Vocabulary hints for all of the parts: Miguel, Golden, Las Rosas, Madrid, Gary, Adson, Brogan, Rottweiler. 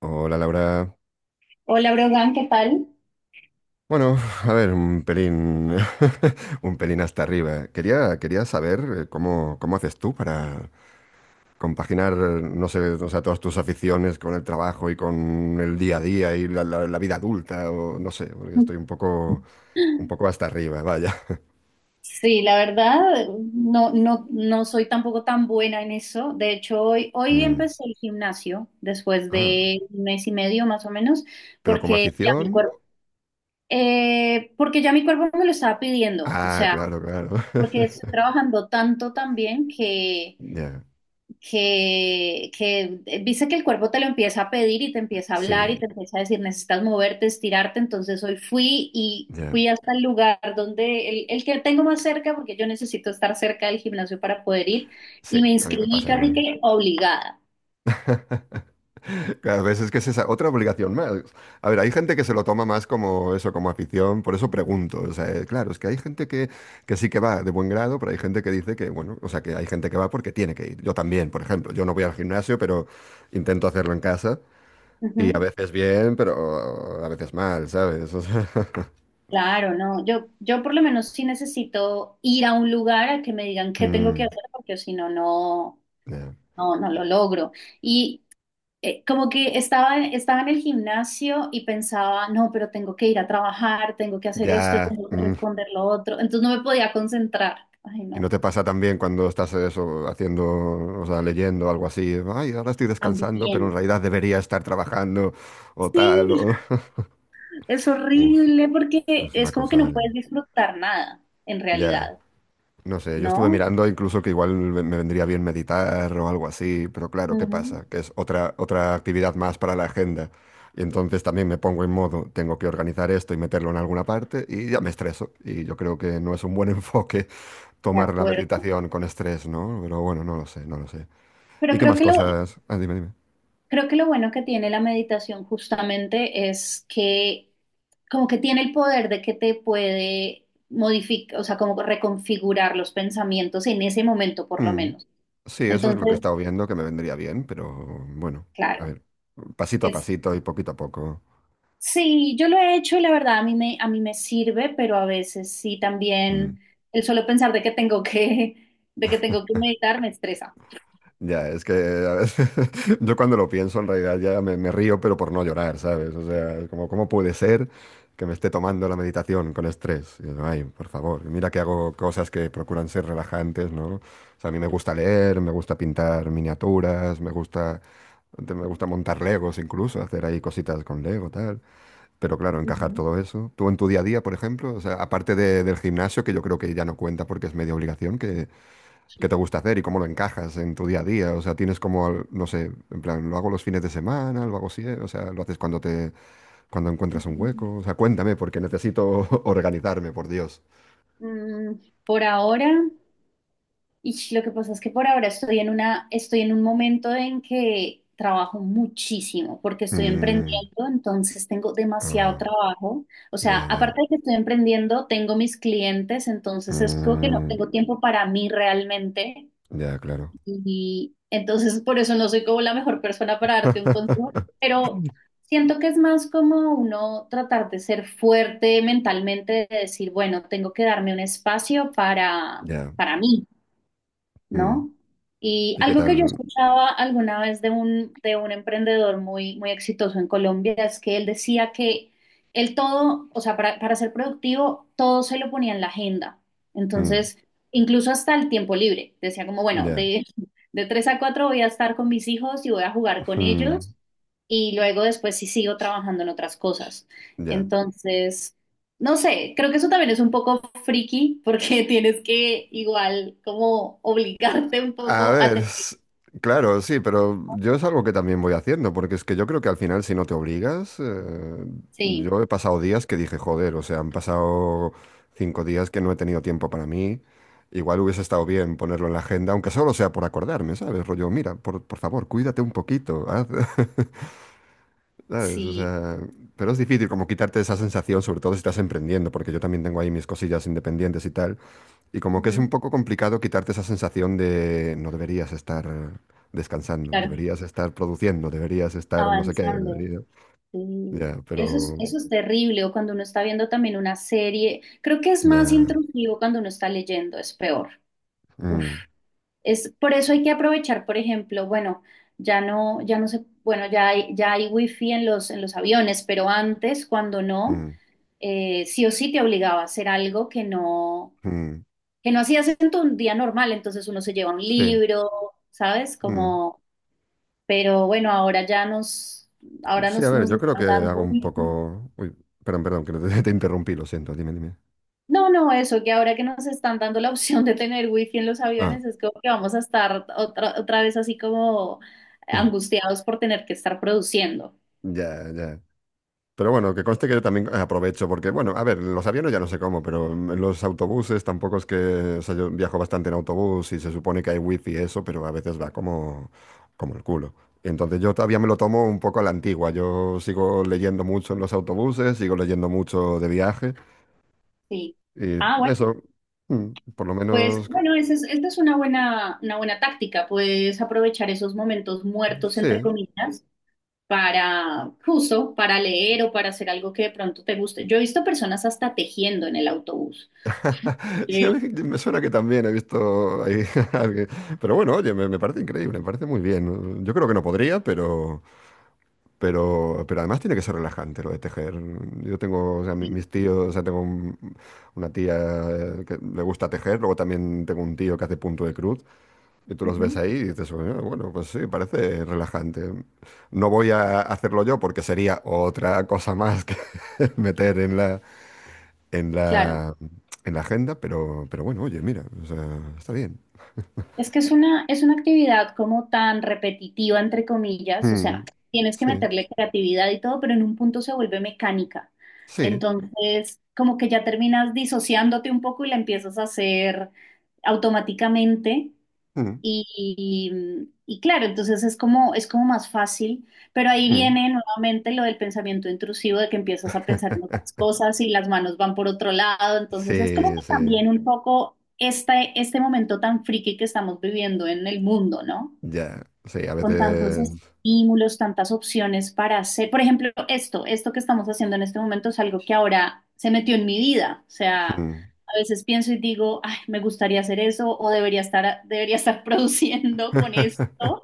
Hola Laura. Hola, Brogan, ¿qué tal? Bueno, a ver, un pelín, un pelín hasta arriba. Quería saber cómo haces tú para compaginar, no sé, o sea, todas tus aficiones con el trabajo y con el día a día y la vida adulta, o no sé, porque estoy un poco hasta arriba, vaya. Sí, la verdad, no, no, no soy tampoco tan buena en eso. De hecho, hoy Mm, empecé el gimnasio después Ah, de un mes y medio más o menos, pero como porque ya afición, mi cuerpo, porque ya mi cuerpo me lo estaba pidiendo. O ah, sea, claro, claro. porque estoy trabajando tanto también Ya, que dice que el cuerpo te lo empieza a pedir y te empieza a hablar y sí, te empieza a decir, necesitas moverte, estirarte. Entonces hoy fui y ya, fui hasta el lugar donde el que tengo más cerca, porque yo necesito estar cerca del gimnasio para poder ir, y sí, me a mí me inscribí pasa casi igual. que obligada. Claro, ves, es que es esa otra obligación más. A ver, hay gente que se lo toma más como eso, como afición, por eso pregunto. O sea, claro, es que hay que sí que va de buen grado, pero hay gente que dice que, bueno, o sea, que hay gente que va porque tiene que ir. Yo también, por ejemplo, yo no voy al gimnasio, pero intento hacerlo en casa y a Ujú. veces bien, pero a veces mal, ¿sabes? O sea, Claro, no, yo por lo menos sí necesito ir a un lugar a que me digan qué tengo que mm, hacer, porque si no, no, ya, no, no lo logro. Y como que estaba en el gimnasio y pensaba, no, pero tengo que ir a trabajar, tengo que hacer esto, ya, tengo que mm. responder lo otro. Entonces no me podía concentrar. Ay, ¿Y no no, te pasa también cuando estás eso haciendo, o sea, leyendo algo así? Ay, ahora estoy descansando, pero en también. realidad debería estar trabajando o Sí, tal. O... es Uf, horrible porque es una es como que cosa. no puedes disfrutar nada, en Ya, realidad, no sé, yo estuve ¿no? mirando incluso que igual me vendría bien meditar o algo así, pero claro, ¿qué Ujú. pasa? Que es otra, otra actividad más para la agenda. Y entonces también me pongo en modo, tengo que organizar esto y meterlo en alguna parte y ya me estreso. Y yo creo que no es un buen enfoque De tomar la acuerdo. meditación con estrés, ¿no? Pero bueno, no lo sé, no lo sé. ¿Y Pero qué creo más que lo, cosas? Ah, dime, dime. Creo que lo bueno que tiene la meditación justamente es que como que tiene el poder de que te puede modificar, o sea, como reconfigurar los pensamientos en ese momento por lo Mm, menos. sí, eso es lo que he Entonces, estado viendo, que me vendría bien, pero bueno, a claro, ver, pasito a pasito y poquito a poco. sí, yo lo he hecho y la verdad a a mí me sirve, pero a veces sí Mm. también el solo pensar de que tengo que, de que tengo que meditar me estresa. Ya, es que a veces yo cuando lo pienso en realidad ya me río, pero por no llorar, ¿sabes? O sea, es como, ¿cómo puede ser que me esté tomando la meditación con estrés? Y yo, ay, por favor, mira que hago cosas que procuran ser relajantes, ¿no? O sea, a mí me gusta leer, me gusta pintar miniaturas, me gusta montar Legos incluso, hacer ahí cositas con Lego, tal. Pero claro, encajar Ujú. todo eso. Tú en tu día a día, por ejemplo, o sea, aparte del gimnasio, que yo creo que ya no cuenta porque es media obligación, ¿qué, qué te gusta hacer y cómo lo encajas en tu día a día? O sea, tienes como, no sé, en plan, lo hago los fines de semana, lo hago así, o sea, lo haces cuando cuando encuentras un hueco. O sea, cuéntame, porque necesito organizarme, por Dios. Mm, por ahora. Y lo que pasa es que por ahora estoy en una, estoy en un momento en que trabajo muchísimo porque estoy Mm, emprendiendo, entonces tengo demasiado ah, trabajo. O sea, ya, ya. aparte de que estoy emprendiendo, tengo mis clientes, entonces es como que no Mm, tengo tiempo para mí realmente. ya, claro. Y entonces por eso no soy como la mejor persona para darte un consejo, pero siento que es más como uno tratar de ser fuerte mentalmente, de decir, bueno, tengo que darme un espacio Ya. para mí. Mm. ¿No? Y ¿Y qué algo que yo tal? escuchaba alguna vez de de un emprendedor muy, muy exitoso en Colombia es que él decía que él todo, o sea, para ser productivo, todo se lo ponía en la agenda. Mm, Entonces, incluso hasta el tiempo libre. Decía como, bueno, ya. de, de 3 a 4 voy a estar con mis hijos y voy a jugar con Mm, ellos y luego después sí sigo trabajando en otras cosas. ya. Entonces, no sé, creo que eso también es un poco friki porque tienes que igual como obligarte un A poco a... ver, te- claro, sí, pero yo es algo que también voy haciendo, porque es que yo creo que al final si no te obligas, Sí, yo he pasado días que dije, joder, o sea, han pasado 5 días que no he tenido tiempo para mí, igual hubiese estado bien ponerlo en la agenda, aunque solo sea por acordarme, ¿sabes? Rollo, mira, por favor, cuídate un poquito, haz". ¿Sabes? O sí, sea, pero es difícil como quitarte esa sensación, sobre todo si estás emprendiendo, porque yo también tengo ahí mis cosillas independientes y tal. Y como que es un ujú, poco complicado quitarte esa sensación de no deberías estar descansando, claro, deberías estar produciendo, deberías estar no sé qué, avanzando. deberías. Sí. Ya, pero Eso es terrible o cuando uno está viendo también una serie. Creo que es más ya. intrusivo cuando uno está leyendo, es peor. Uf, Mm, es, por eso hay que aprovechar, por ejemplo, bueno, ya no, ya no se, bueno, ya hay wifi en en los aviones, pero antes, cuando no... mm, sí o sí te obligaba a hacer algo mm, que no hacías en tu día normal, entonces uno se lleva un sí. libro, ¿sabes? Mm. Como, pero bueno, ahora ya nos, ahora Sí, a nos, ver, nos yo creo que están hago dando un wifi. poco. Uy, perdón, perdón, que te, te interrumpí, lo siento, dime, dime. No, no, eso, que ahora que nos están dando la opción de tener wifi en los Ah, aviones, es como que vamos a estar otra, otra vez así como angustiados por tener que estar produciendo. ya, ya. Pero bueno, que conste que yo también aprovecho, porque bueno, a ver, los aviones ya no sé cómo, pero los autobuses tampoco es que, o sea, yo viajo bastante en autobús y se supone que hay wifi y eso, pero a veces va como, como el culo. Entonces yo todavía me lo tomo un poco a la antigua, yo sigo leyendo mucho en los autobuses, sigo leyendo mucho de viaje Sí. y Ah, bueno, eso, mm, por lo pues menos, bueno, esa es, esta es una buena táctica, puedes aprovechar esos momentos muertos, entre sí, comillas, para justo, para leer o para hacer algo que de pronto te guste. Yo he visto personas hasta tejiendo en el autobús. sí, a Sí. mí me suena que también he visto ahí a alguien, pero bueno, oye, me parece increíble, me parece muy bien. Yo creo que no podría, pero... pero además tiene que ser relajante lo de tejer. Yo tengo, o sea, Sí. mis tíos, o sea, una tía que le gusta tejer, luego también tengo un tío que hace punto de cruz, y tú los ves Ujú. ahí y dices, "Bueno, bueno, pues sí, parece relajante. No voy a hacerlo yo porque sería otra cosa más que meter en Claro, la, en la agenda, pero bueno, oye, mira, o sea, está bien. es que es una actividad como tan repetitiva, entre comillas, o sea, Mm, tienes que sí, meterle creatividad y todo, pero en un punto se vuelve mecánica. sí. Entonces, como que ya terminas disociándote un poco y la empiezas a hacer automáticamente. Mm, Y, y claro, entonces es como más fácil, pero ahí mm. viene nuevamente lo del pensamiento intrusivo, de que empiezas a pensar en otras cosas y las manos van por otro lado, entonces es como Sí, que sí. también un poco este, este momento tan friki que estamos viviendo en el mundo, ¿no? Ya, sí, a Con tantos veces... estímulos, tantas opciones para hacer. Por ejemplo, esto que estamos haciendo en este momento es algo que ahora se metió en mi vida. O sea, Mm, a veces pienso y digo, ay, me gustaría hacer eso o debería estar produciendo con esto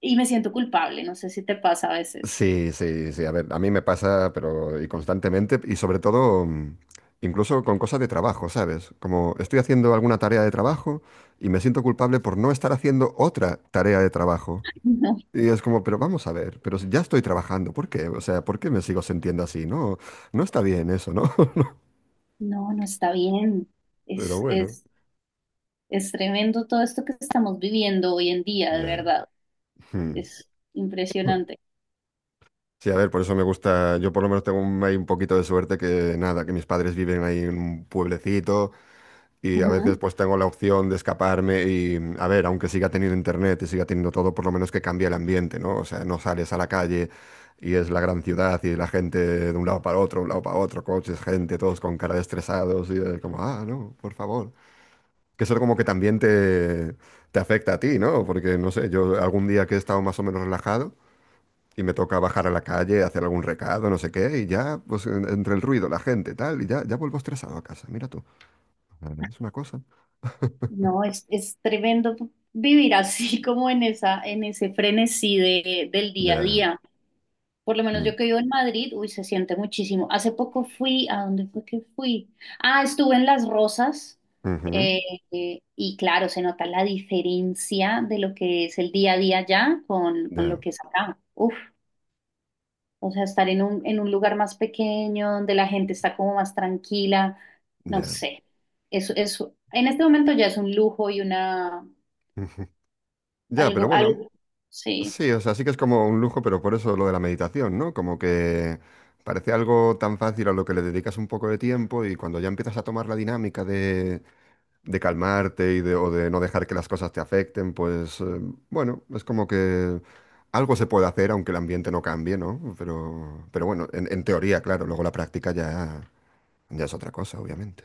y me siento culpable. No sé si te pasa a veces. sí, sí, sí, a ver, a mí me pasa, pero y constantemente, y sobre todo, mm, incluso con cosas de trabajo, ¿sabes? Como estoy haciendo alguna tarea de trabajo y me siento culpable por no estar haciendo otra tarea de trabajo. No, Y es como, pero vamos a ver, pero si ya estoy trabajando, ¿por qué? O sea, ¿por qué me sigo sintiendo así? No, no está bien eso, ¿no? no, no está bien. Pero Es, bueno, es, es tremendo todo esto que estamos viviendo hoy en día, de ya. verdad. Es Mm. impresionante. Sí, a ver, por eso me gusta, yo por lo menos tengo un, hay un poquito de suerte que nada, que mis padres viven ahí en un pueblecito y a Ujú. veces pues tengo la opción de escaparme y a ver, aunque siga teniendo internet y siga teniendo todo, por lo menos que cambie el ambiente, ¿no? O sea, no sales a la calle y es la gran ciudad y la gente de un lado para otro, un lado para otro, coches, gente, todos con cara de estresados y como, ah, no, por favor. Que eso como que también te afecta a ti, ¿no? Porque no sé, yo algún día que he estado más o menos relajado. Y me toca bajar a la calle, hacer algún recado, no sé qué, y ya, pues entre el ruido, la gente, tal, y ya, ya vuelvo estresado a casa. Mira tú, ah, es una cosa. No, es tremendo vivir así como en esa, en ese frenesí de, del día a Ya, día. Por lo menos mm, yo que vivo en Madrid, uy, se siente muchísimo. Hace poco fui, ¿a dónde fue que fui? Ah, estuve en Las Rosas eh, ujú, y claro, se nota la diferencia de lo que es el día a día allá con ya, lo que es acá. Uf, o sea, estar en un lugar más pequeño, donde la gente está como más tranquila, no ya, sé. Eso, en este momento ya es un lujo y una ujú. Ya, pero algo, bueno, algo, sí. sí, o sea, sí que es como un lujo, pero por eso lo de la meditación, ¿no? Como que parece algo tan fácil a lo que le dedicas un poco de tiempo y cuando ya empiezas a tomar la dinámica de calmarte y de, o de no dejar que las cosas te afecten, pues bueno, es como que algo se puede hacer aunque el ambiente no cambie, ¿no? Pero bueno, en teoría, claro, luego la práctica ya, ya es otra cosa, obviamente.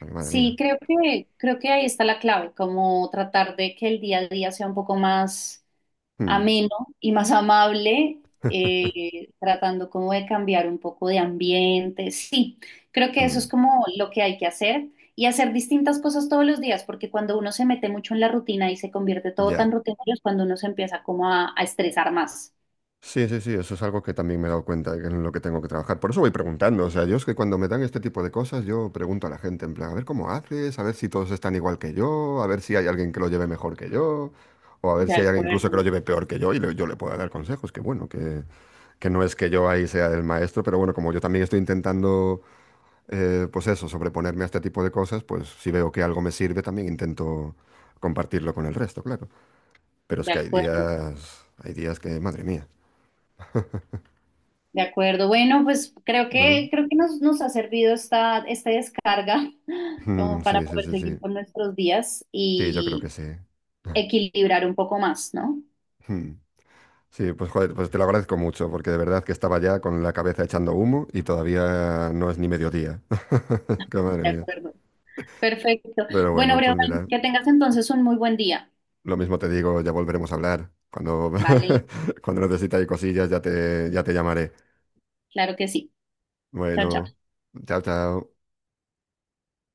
Ay, madre Sí, mía. Creo que ahí está la clave, como tratar de que el día a día sea un poco más Mm, ameno y más amable, tratando como de cambiar un poco de ambiente. Sí, creo que eso mm, es como lo que hay que hacer y hacer distintas cosas todos los días, porque cuando uno se mete mucho en la rutina y se convierte todo ya. tan rutinario es cuando uno se empieza como a estresar más. Sí, sí, sí, eso es algo que también me he dado cuenta de que es en lo que tengo que trabajar. Por eso voy preguntando. O sea, yo es que cuando me dan este tipo de cosas, yo pregunto a la gente, en plan, a ver cómo haces, a ver si todos están igual que yo, a ver si hay alguien que lo lleve mejor que yo, o a ver De si hay alguien incluso que lo acuerdo, lleve peor que yo y yo le pueda dar consejos. Que bueno, que no es que yo ahí sea el maestro, pero bueno, como yo también estoy intentando, pues eso, sobreponerme a este tipo de cosas, pues si veo que algo me sirve, también intento compartirlo con el resto, claro. Pero es de que acuerdo. Hay días que, madre mía. De acuerdo. Bueno, pues Bueno. Creo que nos, nos ha servido esta, esta descarga Mm, como para sí, sí, poder sí, sí. seguir con nuestros días Sí, yo creo que y sí. equilibrar un poco más, ¿no? Mm. Sí, pues joder, pues te lo agradezco mucho, porque de verdad que estaba ya con la cabeza echando humo y todavía no es ni mediodía. Qué madre De mía. acuerdo. Perfecto. Pero Bueno, bueno, pues Breogán, mira, que tengas entonces un muy buen día. lo mismo te digo, ya volveremos a hablar. Cuando, Vale, cuando necesites cosillas, ya te llamaré. claro que sí. Chao, Bueno, chao. chao, chao.